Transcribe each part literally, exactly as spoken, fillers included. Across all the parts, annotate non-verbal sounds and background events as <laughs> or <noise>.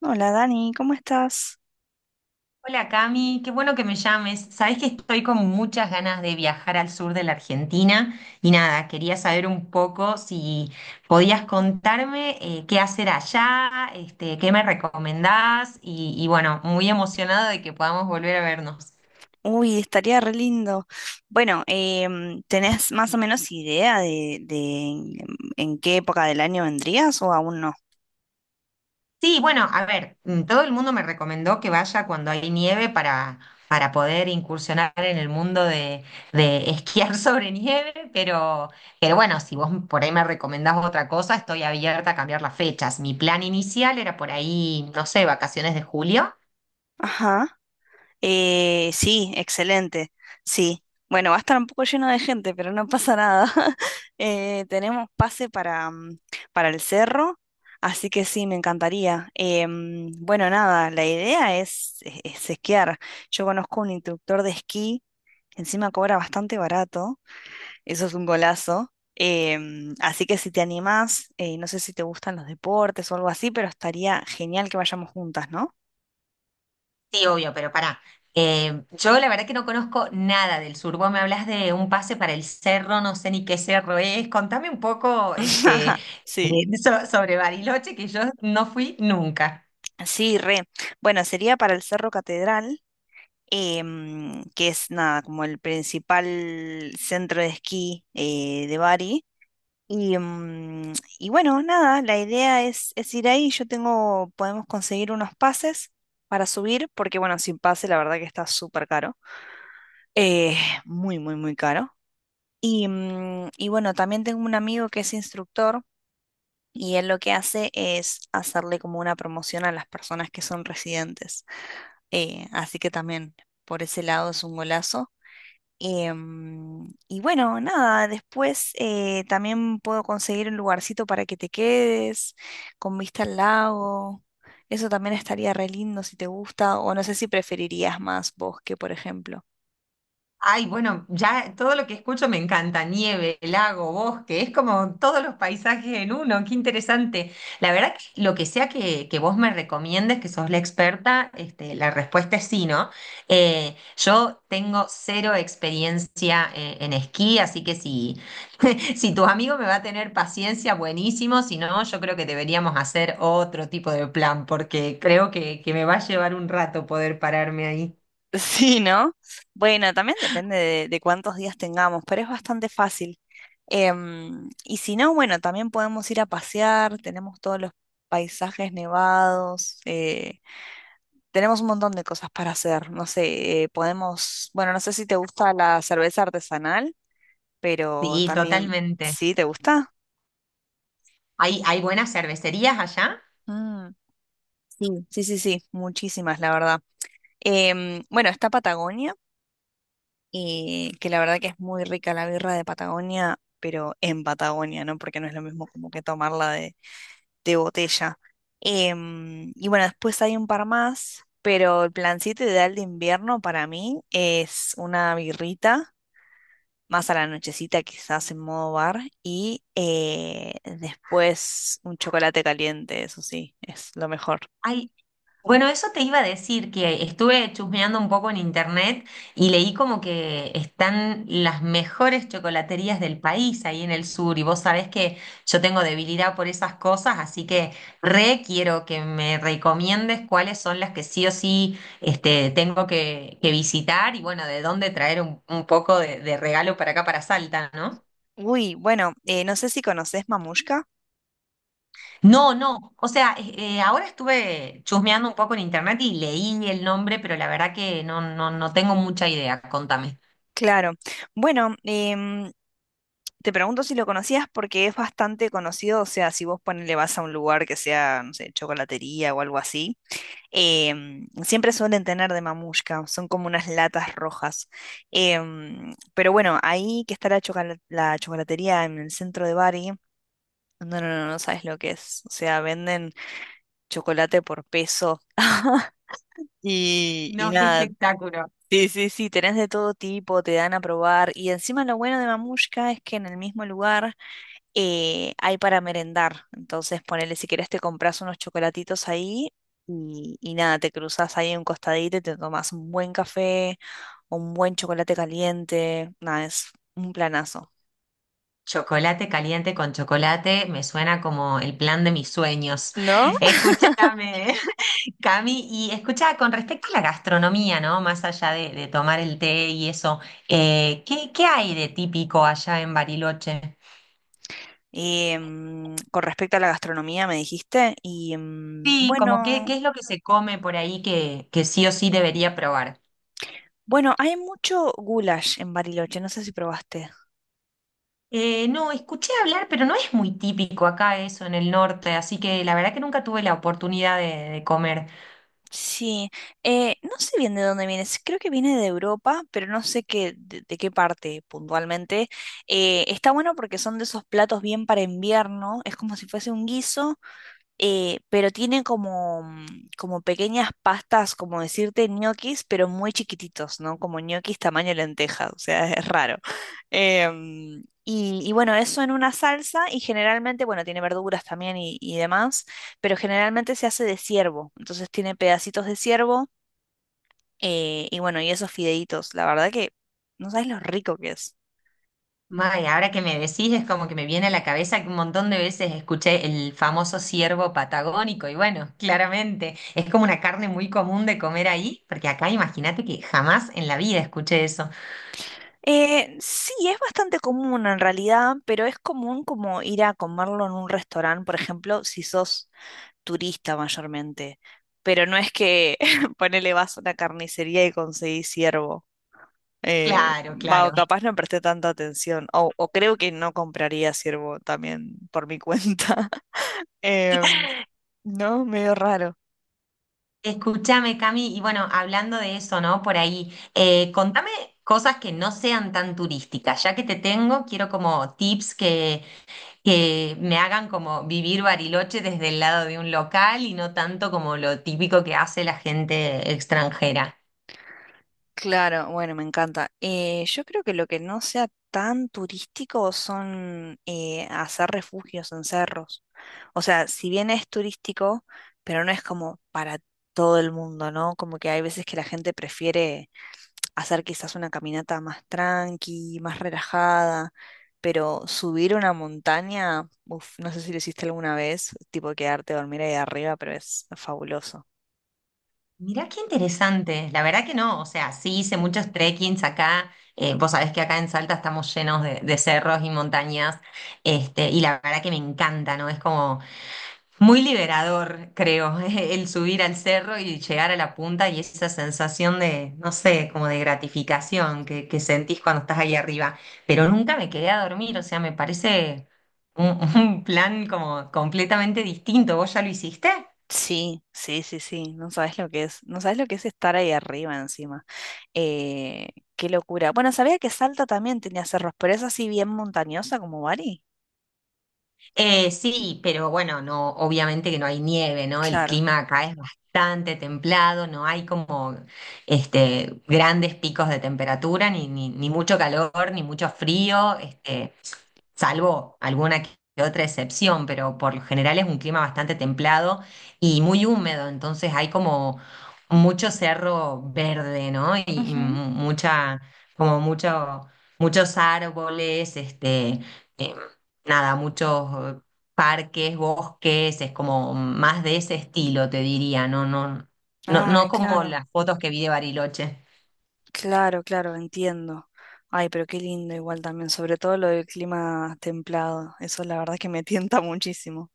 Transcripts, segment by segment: Hola Dani, ¿cómo estás? Hola Cami, qué bueno que me llames. Sabés que estoy con muchas ganas de viajar al sur de la Argentina y nada, quería saber un poco si podías contarme eh, qué hacer allá, este, qué me recomendás y, y bueno, muy emocionada de que podamos volver a vernos. Uy, estaría re lindo. Bueno, em, ¿tenés más o menos idea de, de en, en qué época del año vendrías o aún no? Sí, bueno, a ver, mm, todo el mundo me recomendó que vaya cuando hay nieve para, para poder incursionar en el mundo de, de esquiar <laughs> sobre nieve, pero, pero bueno, si vos por ahí me recomendás otra cosa, estoy abierta a cambiar las fechas. Mi plan inicial era por ahí, no sé, vacaciones de julio. Ajá. Eh, sí, excelente. Sí. Bueno, va a estar un poco lleno de gente, pero no pasa nada. <laughs> Eh, tenemos pase para, mm, para el cerro, así que sí, me encantaría. Em, bueno, nada, la idea es es- es esquiar. Yo conozco un instructor de esquí que encima cobra bastante barato. Eso es un golazo. Em, así que si te animás, eh, no sé si te gustan los deportes o algo así, pero estaría genial que vayamos juntas, ¿no? Sí, obvio, pero pará. Eh, yo la verdad que no conozco nada del sur. Vos me hablas de un pase para el cerro, no sé ni qué cerro es. Contame un poco, este, eh, <laughs> Sí. so- sobre Bariloche, que yo no fui nunca. Sí, re. Bueno, sería para el Cerro Catedral, em, que es nada, como el principal centro de esquí eh, de Bari. Y, mm, y bueno, nada, la idea es, es ir ahí. Yo tengo, podemos conseguir unos pases para subir, porque bueno, sin pase la verdad que está súper caro. Eh, muy, muy, muy caro. Y, mm, y bueno, también tengo un amigo que es instructor y él lo que hace es hacerle como una promoción a las personas que son residentes. Eh, así que también por ese lado es un golazo. Em, y bueno, nada, después eh, también puedo conseguir un lugarcito para que te quedes con vista al lago. Eso también estaría re lindo si te gusta o no sé si preferirías más bosque, por ejemplo. Ay, bueno, ya todo lo que escucho me encanta, nieve, lago, bosque, es como todos los paisajes en uno, qué interesante. La verdad que lo que sea que, que vos me recomiendes, que sos la experta, este, la respuesta es sí, ¿no? Eh, yo tengo cero experiencia eh, en esquí, así que si, <laughs> si tus amigos me va a tener paciencia, buenísimo, si no, yo creo que deberíamos hacer otro tipo de plan, porque creo que, que me va a llevar un rato poder pararme ahí. <laughs> Sí, ¿no? Bueno, también depende de, de cuántos días tengamos, pero es bastante fácil. Em, y si no, bueno, también podemos ir a pasear, tenemos todos los paisajes nevados, eh, tenemos un montón de cosas para hacer, no sé, eh, podemos, bueno, no sé si te gusta la cerveza artesanal, pero Sí, también, totalmente. ¿sí te gusta? ¿Hay, hay buenas cervecerías allá? Mm, sí, sí, sí, sí, muchísimas, la verdad. Em, bueno, está Patagonia. Y que la verdad que es muy rica la birra de Patagonia, pero en Patagonia, ¿no? Porque no es lo mismo como que tomarla de, de botella. Em, y bueno, después hay un par más, pero el plancito ideal de invierno para mí es una birrita, más a la nochecita quizás en modo bar, y eh, después un chocolate caliente, eso sí, es lo mejor. Ay, bueno, eso te iba a decir, que estuve chusmeando un poco en internet y leí como que están las mejores chocolaterías del país ahí en el sur y vos sabés que yo tengo debilidad por esas cosas, así que re quiero que me recomiendes cuáles son las que sí o sí este, tengo que, que visitar y bueno, de dónde traer un, un poco de, de regalo para acá, para Salta, ¿no? Uy, bueno, eh, no sé si conoces Mamushka. No, no. O sea, eh, eh, ahora estuve chusmeando un poco en internet y leí el nombre, pero la verdad que no, no, no tengo mucha idea. Contame. Claro. Bueno, em, te pregunto si lo conocías porque es bastante conocido, o sea, si vos ponele vas a un lugar que sea, no sé, chocolatería o algo así, em, siempre suelen tener de mamushka, son como unas latas rojas. Em, pero bueno, ahí que está la, chocola- la chocolatería en el centro de Bari, no, no, no, no sabes lo que es, o sea, venden chocolate por peso. <laughs> Y, y No, qué nada, espectáculo. sí, sí, sí, tenés de todo tipo, te dan a probar. Y encima lo bueno de Mamushka es que en el mismo lugar eh, hay para merendar. Entonces, ponele, si querés, te compras unos chocolatitos ahí y, y nada, te cruzas ahí en un costadito y te tomas un buen café, un buen chocolate caliente. Nada, es un planazo. Chocolate caliente con chocolate me suena como el plan de mis sueños. ¿No? <laughs> Escúchame, <laughs> Cami, y escucha, con respecto a la gastronomía, ¿no? Más allá de, de tomar el té y eso, eh, ¿qué, qué hay de típico allá en Bariloche? Y, mm, con respecto a la gastronomía, me dijiste. Y mm, Sí, como qué, qué bueno, es lo que se come por ahí que, que sí o sí debería probar. bueno, hay mucho goulash en Bariloche, no sé si probaste. Eh, no, escuché hablar, pero no es muy típico acá eso en el norte, así que la verdad que nunca tuve la oportunidad de, de comer. Sí, eh, no sé bien de dónde viene, s- creo que viene de Europa, pero no sé qué, de, de qué parte puntualmente. Eh, está bueno porque son de esos platos bien para invierno, es como si fuese un guiso, eh, pero tiene como, mm, como pequeñas pastas, como decirte, ñoquis, pero muy chiquititos, ¿no? Como ñoquis tamaño lenteja, o sea, <laughs> es raro. Em, y, y bueno, eso en una salsa y generalmente, bueno, tiene verduras también y, y demás, pero generalmente se hace de ciervo, entonces tiene pedacitos de ciervo eh, y bueno, y esos fideitos, la verdad que no sabes lo rico que es. May, ahora que me decís es como que me viene a la cabeza que un montón de veces escuché el famoso ciervo patagónico y bueno, claramente es como una carne muy común de comer ahí, porque acá imagínate que jamás en la vida escuché eso. Eh, sí, es bastante común en realidad, pero es común como ir a comerlo en un restaurante, por ejemplo, si sos turista mayormente. Pero no es que <laughs> ponele vas a una carnicería y conseguís ciervo. Eh, Claro, va, o claro. capaz no presté tanta atención. O, o creo que no compraría ciervo también por mi cuenta. <laughs> Em, no, medio raro. Escúchame, Cami, y bueno, hablando de eso, ¿no? Por ahí, eh, contame cosas que no sean tan turísticas, ya que te tengo, quiero como tips que que me hagan como vivir Bariloche desde el lado de un local y no tanto como lo típico que hace la gente extranjera. Claro, bueno, me encanta. Eh, yo creo que lo que no sea tan turístico son eh, hacer refugios en cerros. O sea, si bien es turístico, pero no es como para todo el mundo, ¿no? Como que hay veces que la gente prefiere hacer quizás una caminata más tranqui, más relajada, pero subir una montaña, uf, no sé si lo hiciste alguna vez, tipo quedarte a dormir ahí arriba, pero es fabuloso. Mirá qué interesante, la verdad que no, o sea, sí hice muchos trekkings acá, eh, vos sabés que acá en Salta estamos llenos de, de cerros y montañas, este, y la verdad que me encanta, ¿no? Es como muy liberador, creo, <laughs> el subir al cerro y llegar a la punta y esa sensación de, no sé, como de gratificación que, que sentís cuando estás ahí arriba. Pero nunca me quedé a dormir, o sea, me parece un, <laughs> un plan como completamente distinto. ¿Vos ya lo hiciste? Sí, sí, sí, sí, no sabes lo que es, no sabes lo que es estar ahí arriba encima. Eh, qué locura. Bueno, sabía que Salta también tenía cerros, pero es así bien montañosa como Bari. Eh, sí, pero bueno, no, obviamente que no hay nieve, ¿no? El Claro. clima acá es bastante templado, no hay como este, grandes picos de temperatura, ni, ni, ni mucho calor, ni mucho frío. Este, salvo alguna que otra excepción, pero por lo general es un clima bastante templado y muy húmedo, entonces hay como mucho cerro verde, ¿no? Y, y Ujú. mu- mucha, como mucho, muchos árboles, este, eh, nada, muchos eh, parques, bosques, es como más de ese estilo, te diría, no, no, no, no Ay, como claro, las fotos que vi de Bariloche. claro, claro, entiendo. Ay, pero qué lindo igual también, sobre todo lo del clima templado, eso la verdad que me <laughs> tienta muchísimo.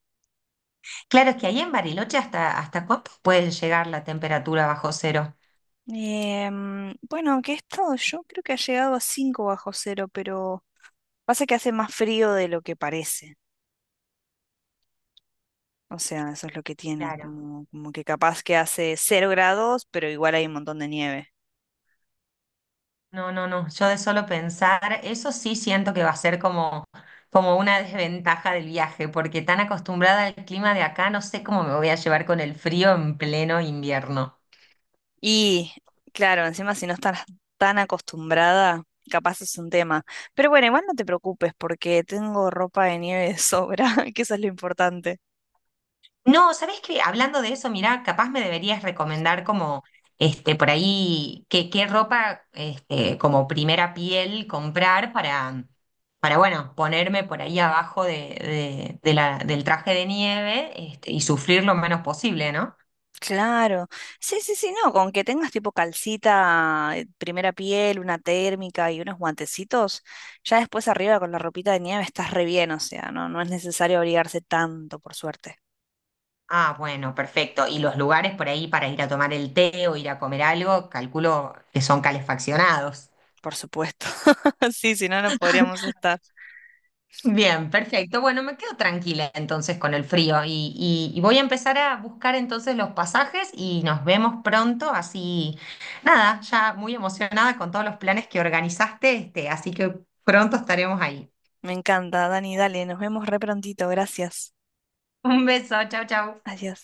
Claro, es que ahí en Bariloche hasta, hasta cuánto puede llegar la temperatura bajo cero. Em, bueno, aunque he estado yo, creo que ha llegado a cinco bajo cero, pero pasa que hace más frío de lo que parece. O sea, eso es lo que tiene, Claro. como, como que capaz que hace cero grados, pero igual hay un montón de nieve. No, no, no. Yo de solo pensar, eso sí siento que va a ser como, como una desventaja del viaje, porque tan acostumbrada al clima de acá, no sé cómo me voy a llevar con el frío en pleno invierno. Y claro, encima si no estás tan acostumbrada, capaz es un tema. Pero bueno, igual no te preocupes porque tengo ropa de nieve de sobra, <laughs> que eso es lo importante. No, ¿sabés qué? Hablando de eso, mirá, capaz me deberías recomendar como, este, por ahí, qué, qué ropa, este, como primera piel comprar para, para, bueno, ponerme por ahí abajo de, de- de la, del traje de nieve, este, y sufrir lo menos posible, ¿no? Claro, sí, sí, sí, no, con que tengas tipo calcita, eh, primera piel, una térmica y unos guantecitos, ya después arriba con la ropita de nieve estás re bien, o sea, no, no es necesario abrigarse tanto, por suerte. Ah, bueno, perfecto. Y los lugares por ahí para ir a tomar el té o ir a comer algo, calculo que son calefaccionados. Por supuesto. <laughs> Sí, si no, no podríamos estar. Bien, perfecto. Bueno, me quedo tranquila entonces con el frío y, y- y voy a empezar a buscar entonces los pasajes y nos vemos pronto. Así, nada, ya muy emocionada con todos los planes que organizaste, este, así que pronto estaremos ahí. Me encanta, Dani, dale, nos vemos re prontito, gracias. Un beso, chau, chau. Adiós.